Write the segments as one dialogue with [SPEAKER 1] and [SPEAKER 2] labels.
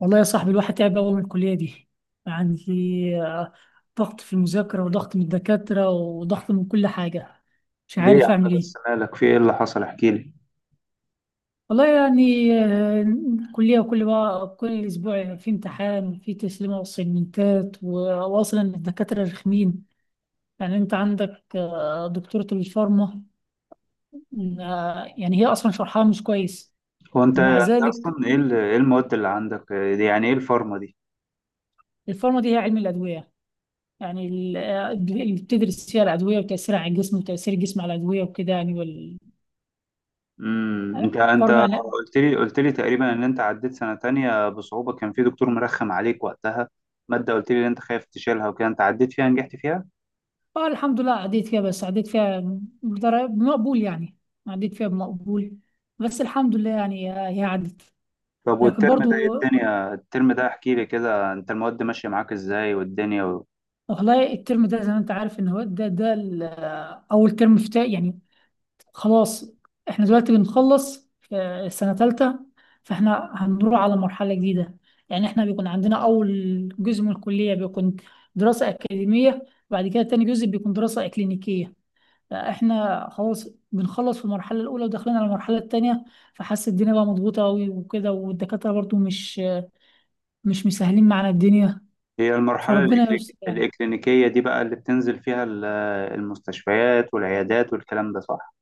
[SPEAKER 1] والله يا صاحبي الواحد تعب أوي من الكلية دي يعني. آه، ضغط في المذاكرة وضغط من الدكاترة وضغط من كل حاجة. مش
[SPEAKER 2] ليه يا
[SPEAKER 1] عارف
[SPEAKER 2] عم
[SPEAKER 1] أعمل
[SPEAKER 2] بس
[SPEAKER 1] إيه.
[SPEAKER 2] مالك؟ في ايه اللي حصل؟ احكي لي.
[SPEAKER 1] والله يعني كلية بقى كل أسبوع في امتحان في تسليمة وسيمنتات، وأصلا الدكاترة رخمين. يعني أنت عندك دكتورة الفارما. يعني هي أصلا شرحها مش كويس.
[SPEAKER 2] هو انت
[SPEAKER 1] ومع
[SPEAKER 2] انت
[SPEAKER 1] ذلك
[SPEAKER 2] اصلا ايه ايه المواد اللي عندك إيه دي؟ يعني ايه الفارما دي؟
[SPEAKER 1] الفارما دي هي علم الأدوية، يعني اللي بتدرس فيها الأدوية وتأثيرها على الجسم وتأثير الجسم على الأدوية وكده يعني.
[SPEAKER 2] انت
[SPEAKER 1] والفارما يعني
[SPEAKER 2] قلت لي تقريبا ان انت عديت سنة تانية بصعوبة، كان في دكتور مرخم عليك وقتها مادة، قلت لي ان انت خايف تشيلها وكده، انت عديت فيها نجحت فيها.
[SPEAKER 1] الحمد لله عديت فيها. بس عديت فيها بدرجة بمقبول يعني. عديت فيها بمقبول بس الحمد لله يعني. هي عدت.
[SPEAKER 2] طب
[SPEAKER 1] لكن
[SPEAKER 2] والترم ده ايه
[SPEAKER 1] برضو
[SPEAKER 2] الدنيا؟ الترم ده احكي لي كده، انت المواد ماشية معاك ازاي والدنيا
[SPEAKER 1] والله الترم ده زي ما انت عارف ان هو ده اول ترم يعني. خلاص، احنا دلوقتي بنخلص في السنة تالتة، فاحنا هنروح على مرحلة جديدة. يعني احنا بيكون عندنا أول جزء من الكلية بيكون دراسة أكاديمية، بعد كده تاني جزء بيكون دراسة إكلينيكية. فاحنا خلاص بنخلص في المرحلة الأولى وداخلين على المرحلة التانية، فحاسس الدنيا بقى مضغوطة أوي وكده، والدكاترة برضو مش مسهلين معانا الدنيا.
[SPEAKER 2] هي المرحلة
[SPEAKER 1] فربنا يستر يعني.
[SPEAKER 2] الإكلينيكية دي بقى اللي بتنزل فيها المستشفيات والعيادات والكلام ده صح؟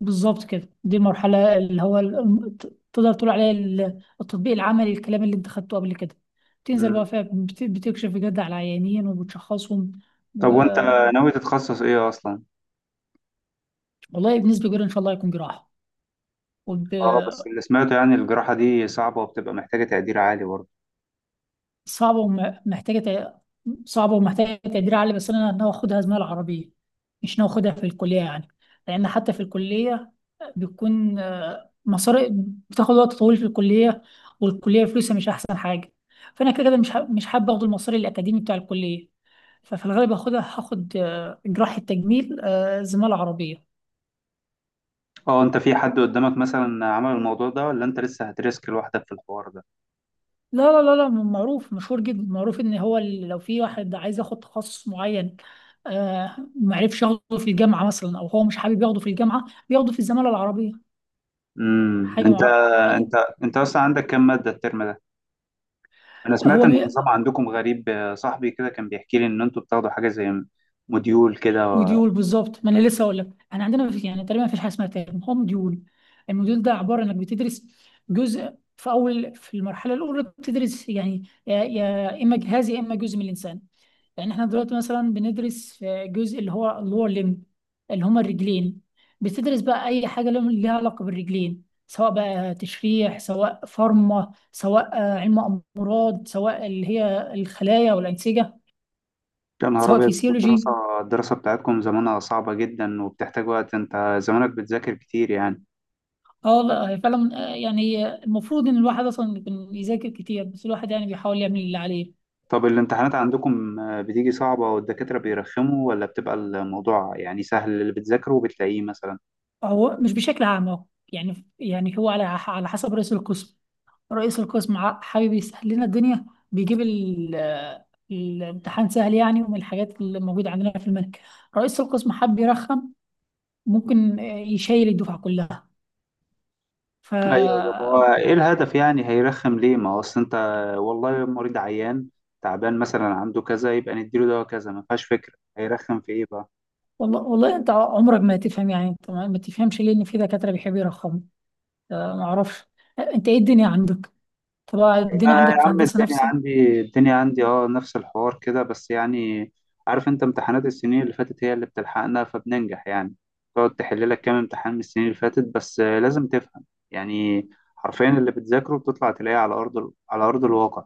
[SPEAKER 1] بالظبط كده، دي المرحلة اللي هو تقدر تقول عليها التطبيق العملي. الكلام اللي انت خدته قبل كده تنزل بقى فيها، بتكشف بجد على العيانين وبتشخصهم
[SPEAKER 2] طب
[SPEAKER 1] و...
[SPEAKER 2] وانت ناوي تتخصص ايه اصلا؟
[SPEAKER 1] والله بنسبة كبيرة إن شاء الله يكون جراحة. وب...
[SPEAKER 2] اه بس اللي سمعته يعني الجراحة دي صعبة وبتبقى محتاجة تقدير عالي برضه.
[SPEAKER 1] صعبة ومحتاجة تع- صعبة ومحتاجة تقدير عالي، بس أنا ناوي أخدها زمالة عربية. مش ناوي أخدها في الكلية يعني، لأن حتى في الكلية بيكون مصاري. بتاخد وقت طويل في الكلية، والكلية فلوسها مش أحسن حاجة، فأنا كده كده مش حابة أخد المصاري الأكاديمي بتاع الكلية. ففي الغالب هاخد جراحة تجميل، زمالة عربية.
[SPEAKER 2] اه انت في حد قدامك مثلا عمل الموضوع ده، ولا انت لسه هترسك لوحدك في الحوار ده؟
[SPEAKER 1] لا، لا، لا، لا، معروف، مشهور جدا، معروف إن هو لو في واحد عايز ياخد تخصص معين آه، معرفش ياخده في الجامعة مثلا، أو هو مش حابب ياخده في الجامعة بياخده في الزمالة العربية.
[SPEAKER 2] امم انت
[SPEAKER 1] حاجة.
[SPEAKER 2] انت انت اصلا عندك كام مادة الترم ده؟ انا سمعت
[SPEAKER 1] هو
[SPEAKER 2] ان
[SPEAKER 1] م...
[SPEAKER 2] النظام عندكم غريب، صاحبي كده كان بيحكي لي ان انتوا بتاخدوا حاجة زي موديول كده
[SPEAKER 1] موديول بالظبط. ما انا لسه اقول لك، احنا عندنا مفيش يعني تقريبا مفيش حاجه اسمها ترم، هو موديول. الموديول ده عباره انك بتدرس جزء في المرحله الاولى. بتدرس يعني يا اما جهاز يا اما جزء من الانسان. يعني احنا دلوقتي مثلا بندرس في جزء اللي هو اللور ليمب، اللي هما الرجلين. بتدرس بقى اي حاجه ليها علاقه بالرجلين، سواء بقى تشريح، سواء فارما، سواء علم امراض، سواء اللي هي الخلايا والانسجه،
[SPEAKER 2] يا نهار
[SPEAKER 1] سواء
[SPEAKER 2] أبيض، انتوا
[SPEAKER 1] فيسيولوجي.
[SPEAKER 2] الدراسة الدراسة بتاعتكم زمانها صعبة جدا وبتحتاج وقت، انت زمانك بتذاكر كتير يعني.
[SPEAKER 1] اه والله هي فعلا يعني هي المفروض ان الواحد اصلا يذاكر كتير، بس الواحد يعني بيحاول يعمل اللي عليه.
[SPEAKER 2] طب الامتحانات عندكم بتيجي صعبة والدكاترة بيرخموا، ولا بتبقى الموضوع يعني سهل اللي بتذاكره وبتلاقيه مثلا؟
[SPEAKER 1] هو مش بشكل عام اهو، يعني هو على حسب رئيس القسم. رئيس القسم حابب يسهل لنا الدنيا، بيجيب الامتحان سهل يعني، ومن الحاجات اللي موجودة عندنا في الملك، رئيس القسم حب يرخم ممكن يشيل الدفعة كلها. ف
[SPEAKER 2] ايوه ده هو ايه الهدف؟ يعني هيرخم ليه؟ ما هو اصل انت والله المريض عيان تعبان مثلا عنده كذا، يبقى نديله دواء كذا، ما فيهاش فكرة، هيرخم في ايه بقى؟
[SPEAKER 1] والله، والله انت عمرك ما هتفهم. يعني انت ما تفهمش ليه ان في دكاترة بيحبوا يرخموا. ما اعرفش. انت ايه الدنيا عندك؟ طب
[SPEAKER 2] ما
[SPEAKER 1] الدنيا عندك
[SPEAKER 2] يا
[SPEAKER 1] في
[SPEAKER 2] عم
[SPEAKER 1] الهندسة
[SPEAKER 2] الدنيا
[SPEAKER 1] نفسها؟
[SPEAKER 2] عندي الدنيا عندي اه نفس الحوار كده بس يعني، عارف انت امتحانات السنين اللي فاتت هي اللي بتلحقنا فبننجح يعني. تقعد تحل لك كام امتحان من السنين اللي فاتت، بس لازم تفهم يعني. حرفيا اللي بتذاكره بتطلع تلاقيه على على ارض الواقع.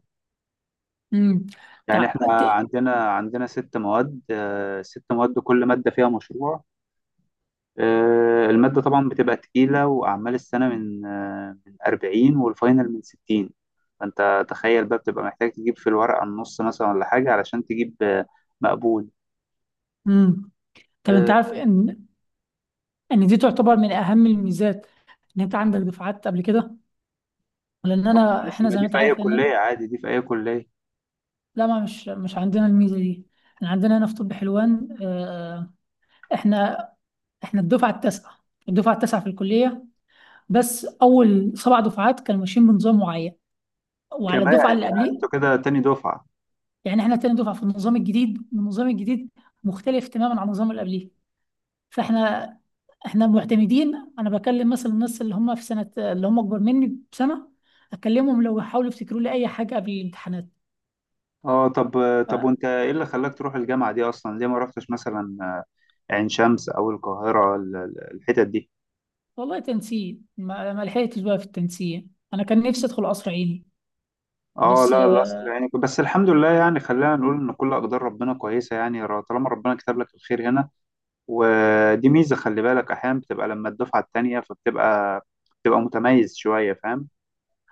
[SPEAKER 1] امم. تع...
[SPEAKER 2] يعني احنا
[SPEAKER 1] ت-
[SPEAKER 2] عندنا ست مواد، ست مواد كل مادة فيها مشروع. المادة طبعا بتبقى تقيلة، وأعمال السنة من من 40 والفاينل من 60. فأنت تخيل بقى بتبقى محتاج تجيب في الورقة النص مثلا ولا حاجة علشان تجيب مقبول.
[SPEAKER 1] امم. طب انت
[SPEAKER 2] آه،
[SPEAKER 1] عارف ان دي تعتبر من اهم الميزات، ان انت عندك دفعات قبل كده، لان
[SPEAKER 2] طب ماشي،
[SPEAKER 1] احنا
[SPEAKER 2] ما
[SPEAKER 1] زي ما
[SPEAKER 2] دي
[SPEAKER 1] انت
[SPEAKER 2] في أي
[SPEAKER 1] عارف ان.
[SPEAKER 2] كلية عادي، دي في أي كلية
[SPEAKER 1] لا، ما مش عندنا الميزة دي. احنا عندنا هنا في طب حلوان احنا الدفعة التاسعة، الدفعة التاسعة في الكلية. بس اول سبع دفعات كانوا ماشيين بنظام معين، وعلى
[SPEAKER 2] كمان.
[SPEAKER 1] الدفعة اللي
[SPEAKER 2] يعني أنتوا
[SPEAKER 1] قبليه.
[SPEAKER 2] كده تاني دفعة.
[SPEAKER 1] يعني احنا تاني دفعة في النظام الجديد، والنظام الجديد مختلف تماما عن النظام اللي قبليه. فاحنا معتمدين. انا بكلم مثلا الناس اللي هم في سنه اللي هم اكبر مني بسنه، اكلمهم لو حاولوا يفتكروا لي اي حاجه قبل الامتحانات.
[SPEAKER 2] اه طب، طب
[SPEAKER 1] ف-
[SPEAKER 2] وأنت إيه اللي خلاك تروح الجامعة دي أصلا؟ ليه ما رحتش مثلا عين شمس أو القاهرة الحتت دي؟
[SPEAKER 1] والله تنسيق، ما لحقتش بقى في التنسيق. انا كان نفسي ادخل قصر عيني.
[SPEAKER 2] اه
[SPEAKER 1] بس
[SPEAKER 2] لا أصل يعني بس الحمد لله يعني، خلينا نقول ان كل اقدار ربنا كويسه يعني، طالما ربنا كتب لك الخير هنا. ودي ميزه، خلي بالك احيانا بتبقى لما الدفعه التانيه فبتبقى متميز شويه، فاهم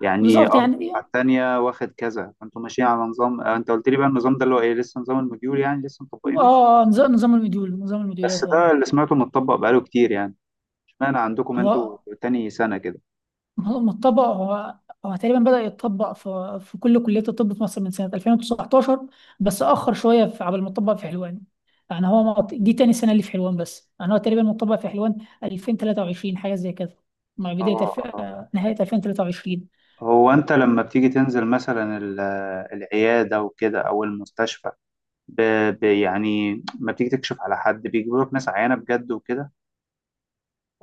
[SPEAKER 2] يعني؟
[SPEAKER 1] بالظبط
[SPEAKER 2] اه
[SPEAKER 1] يعني.
[SPEAKER 2] الدفعه التانيه واخد كذا، فانتوا ماشيين على نظام، انت قلت لي بقى النظام ده اللي هو ايه؟ لسه نظام الموديول يعني لسه مطبقينه؟
[SPEAKER 1] اه، نظام المديول، نظام
[SPEAKER 2] بس
[SPEAKER 1] المديولات. اه.
[SPEAKER 2] ده اللي سمعته متطبق بقاله كتير يعني، اشمعنى عندكم انتوا
[SPEAKER 1] هو
[SPEAKER 2] تاني سنه كده؟
[SPEAKER 1] ما هو ما اتطبق. هو تقريبا بدأ يتطبق في كل كليات الطب في مصر من سنة 2019، بس أخر شوية في قبل ما اتطبق في حلوان. يعني هو دي تاني سنة اللي في حلوان، بس يعني هو تقريبا متطبق في حلوان 2023، حاجة زي كده، مع
[SPEAKER 2] اه.
[SPEAKER 1] بداية الف... آه، نهاية 2023.
[SPEAKER 2] هو انت لما بتيجي تنزل مثلا العياده وكده او المستشفى، ب... يعني ما بتيجي تكشف على حد، بيجيبوا لك ناس عيانه بجد وكده؟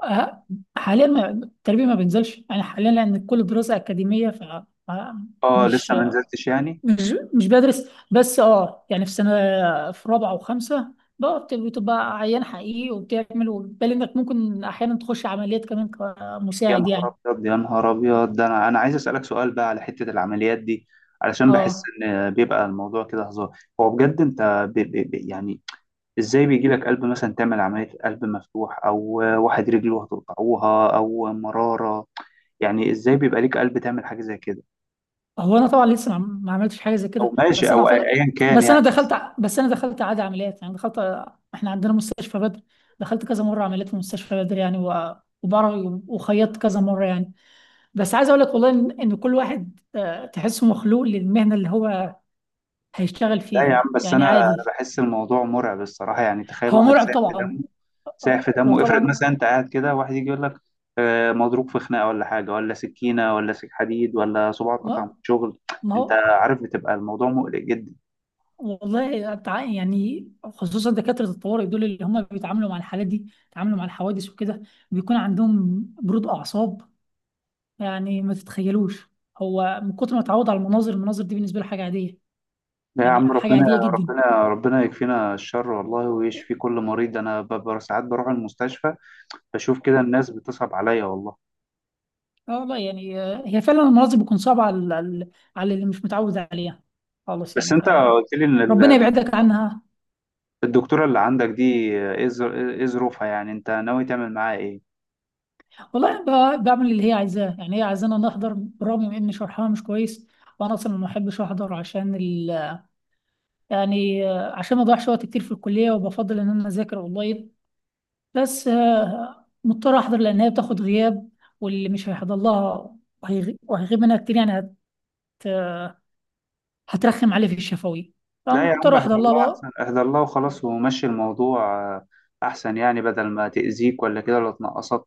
[SPEAKER 1] آه، حاليا التربية ما بينزلش يعني حاليا، لأن كل دراسة أكاديمية. ف-
[SPEAKER 2] اه
[SPEAKER 1] مش
[SPEAKER 2] لسه ما نزلتش يعني؟
[SPEAKER 1] مش بدرس بس. اه يعني في سنه، في رابعه وخمسه، بقى بتبقى عيان حقيقي وبتعمل، وبالي انك ممكن احيانا تخش عمليات كمان
[SPEAKER 2] يا
[SPEAKER 1] كمساعد
[SPEAKER 2] نهار
[SPEAKER 1] يعني.
[SPEAKER 2] ابيض يا نهار ابيض ده انا عايز اسالك سؤال بقى على حته العمليات دي. علشان بحس
[SPEAKER 1] اه،
[SPEAKER 2] ان بيبقى الموضوع كده هزار، هو بجد انت يعني ازاي بيجي لك قلب مثلا تعمل عمليه قلب مفتوح، او واحد رجله هتقطعوها، او مراره؟ يعني ازاي بيبقى ليك قلب تعمل حاجه زي كده
[SPEAKER 1] هو انا طبعا لسه ما عملتش حاجه زي
[SPEAKER 2] او
[SPEAKER 1] كده،
[SPEAKER 2] ماشي
[SPEAKER 1] بس
[SPEAKER 2] او
[SPEAKER 1] انا اعتقد.
[SPEAKER 2] ايا كان يعني؟
[SPEAKER 1] بس انا دخلت عادي عمليات يعني، دخلت. احنا عندنا مستشفى بدر، دخلت كذا مره عمليات في مستشفى بدر يعني، وبعرف وخيطت كذا مره يعني. بس عايز اقول لك والله ان كل واحد تحسه مخلوق للمهنه اللي هو هيشتغل
[SPEAKER 2] لا يا عم،
[SPEAKER 1] فيها،
[SPEAKER 2] بس
[SPEAKER 1] يعني
[SPEAKER 2] انا
[SPEAKER 1] عادي.
[SPEAKER 2] بحس الموضوع مرعب الصراحه. يعني تخيل
[SPEAKER 1] هو
[SPEAKER 2] واحد
[SPEAKER 1] مرعب
[SPEAKER 2] ساعد في
[SPEAKER 1] طبعا.
[SPEAKER 2] دمه، سايح في
[SPEAKER 1] هو
[SPEAKER 2] دمه، افرض مثلا
[SPEAKER 1] طبعا.
[SPEAKER 2] انت قاعد كده واحد يجي يقول لك مضروب في خناقه ولا حاجه، ولا سكينه، ولا سك حديد، ولا صباعه اتقطع من
[SPEAKER 1] ما
[SPEAKER 2] الشغل.
[SPEAKER 1] ما
[SPEAKER 2] انت
[SPEAKER 1] هو.
[SPEAKER 2] عارف بتبقى الموضوع مقلق جدا.
[SPEAKER 1] والله يعني خصوصا دكاترة الطوارئ دول، اللي هم بيتعاملوا مع الحالات دي، بيتعاملوا مع الحوادث وكده، بيكون عندهم برود أعصاب. يعني ما تتخيلوش، هو من كتر ما اتعود على المناظر دي، بالنسبة له حاجة عادية،
[SPEAKER 2] لا يا
[SPEAKER 1] يعني
[SPEAKER 2] عم،
[SPEAKER 1] حاجة
[SPEAKER 2] ربنا
[SPEAKER 1] عادية جدا.
[SPEAKER 2] ربنا يكفينا الشر والله، ويشفي كل مريض. انا ساعات بروح المستشفى بشوف كده الناس بتصعب عليا والله.
[SPEAKER 1] اه، والله يعني هي فعلا المناظر بتكون صعبة على اللي مش متعود عليها خالص
[SPEAKER 2] بس
[SPEAKER 1] يعني.
[SPEAKER 2] انت قلت لي ان
[SPEAKER 1] ربنا يبعدك عنها.
[SPEAKER 2] الدكتوره اللي عندك دي ايه إيه ظروفها يعني؟ انت ناوي تعمل معاها ايه؟
[SPEAKER 1] والله بعمل اللي هي عايزاه، يعني هي عايزانا نحضر برغم من ان شرحها مش كويس. وانا اصلا ما بحبش احضر عشان يعني عشان ما اضيعش وقت كتير في الكليه، وبفضل ان انا اذاكر اونلاين. بس مضطر احضر لان هي بتاخد غياب، واللي مش هيحضر لها وهيغيب منها كتير يعني هترخم عليه في الشفوي،
[SPEAKER 2] لا يا عم
[SPEAKER 1] فمضطر احضر
[SPEAKER 2] احذر
[SPEAKER 1] لها
[SPEAKER 2] الله،
[SPEAKER 1] بقى.
[SPEAKER 2] احسن احذر الله وخلاص، ومشي الموضوع. آه، احسن يعني، بدل ما تأذيك ولا كده ولا تنقصك،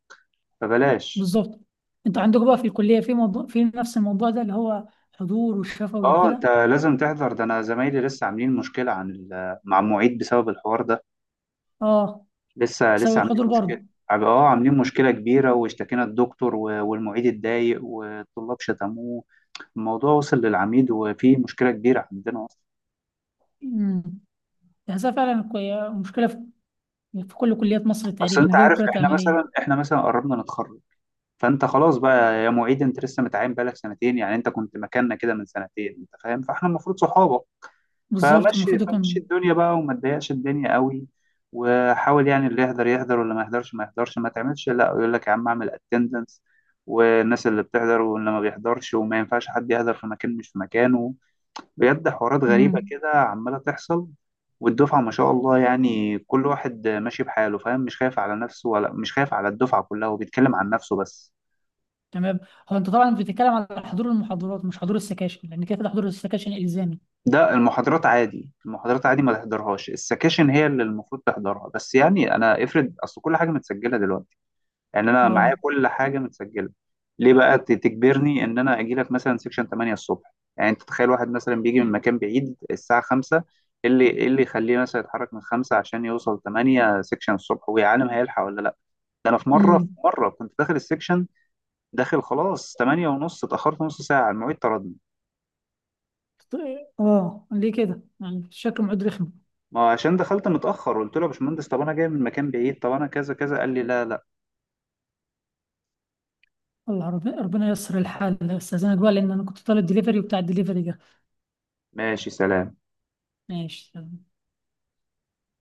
[SPEAKER 2] فبلاش.
[SPEAKER 1] بالظبط. انتوا عندكم بقى في الكليه في نفس الموضوع ده، اللي هو حضور والشفوي
[SPEAKER 2] اه انت
[SPEAKER 1] وكده؟
[SPEAKER 2] لازم تحذر، ده انا زمايلي لسه عاملين مشكلة مع المعيد بسبب الحوار ده.
[SPEAKER 1] اه،
[SPEAKER 2] لسه
[SPEAKER 1] بسبب
[SPEAKER 2] لسه
[SPEAKER 1] الحضور.
[SPEAKER 2] عاملين مشكلة، اه عاملين مشكلة كبيرة، واشتكينا الدكتور والمعيد اتضايق والطلاب شتموه، الموضوع وصل للعميد وفي مشكلة كبيرة عندنا اصلا.
[SPEAKER 1] برضه تحسها فعلا مشكلة في كل كليات مصر
[SPEAKER 2] اصل
[SPEAKER 1] تقريبا،
[SPEAKER 2] انت
[SPEAKER 1] اللي هي
[SPEAKER 2] عارف
[SPEAKER 1] كلية
[SPEAKER 2] احنا
[SPEAKER 1] العملية.
[SPEAKER 2] مثلا، احنا مثلا قربنا نتخرج، فانت خلاص بقى يا معيد، انت لسه متعين بقالك سنتين، يعني انت كنت مكاننا كده من سنتين، انت فاهم؟ فاحنا المفروض صحابه.
[SPEAKER 1] بالظبط،
[SPEAKER 2] فمشي
[SPEAKER 1] المفروض
[SPEAKER 2] فمشي
[SPEAKER 1] يكون.
[SPEAKER 2] الدنيا بقى، وما تضايقش الدنيا قوي، وحاول يعني اللي يحضر يحضر واللي ما يحضرش ما يحضرش، ما تعملش لا، يقول لك يا عم اعمل اتندنس، والناس اللي بتحضر واللي ما بيحضرش، وما ينفعش حد يحضر في مكان مش في مكانه. بجد حوارات غريبة
[SPEAKER 1] امم،
[SPEAKER 2] كده عمالة تحصل، والدفعة ما شاء الله يعني كل واحد ماشي بحاله، فاهم؟ مش خايف على نفسه ولا مش خايف على الدفعة كلها وبيتكلم عن نفسه بس.
[SPEAKER 1] تمام. هو انت طبعا بتتكلم على حضور المحاضرات، مش حضور السكاشن، لان كده كده حضور السكاشن الزامي.
[SPEAKER 2] ده المحاضرات عادي، المحاضرات عادي ما تحضرهاش، السكاشن هي اللي المفروض تحضرها. بس يعني انا افرض اصل كل حاجه متسجله دلوقتي، يعني انا معايا
[SPEAKER 1] اه.
[SPEAKER 2] كل حاجه متسجله، ليه بقى تجبرني ان انا اجي لك مثلا سكشن 8 الصبح؟ يعني انت تخيل واحد مثلا بيجي من مكان بعيد الساعه 5، إيه اللي يخليه مثلا يتحرك من 5 عشان يوصل 8 سكشن الصبح، ويا عالم هيلحق ولا لا؟ ده انا في مره في
[SPEAKER 1] امم.
[SPEAKER 2] مره كنت داخل السكشن، داخل خلاص 8 ونص، اتاخرت نص ساعه المعيد طردني.
[SPEAKER 1] اه. ليه كده يعني؟ شكله معد رخم.
[SPEAKER 2] ما هو عشان دخلت متأخر، قلت له يا باشمهندس طب انا جاي من مكان بعيد، طب انا كذا كذا، قال لي لا.
[SPEAKER 1] والله ربنا ييسر الحال. استاذنك بقى، لان انا كنت طالب دليفري، وبتاع الدليفري ده
[SPEAKER 2] ماشي سلام.
[SPEAKER 1] ماشي.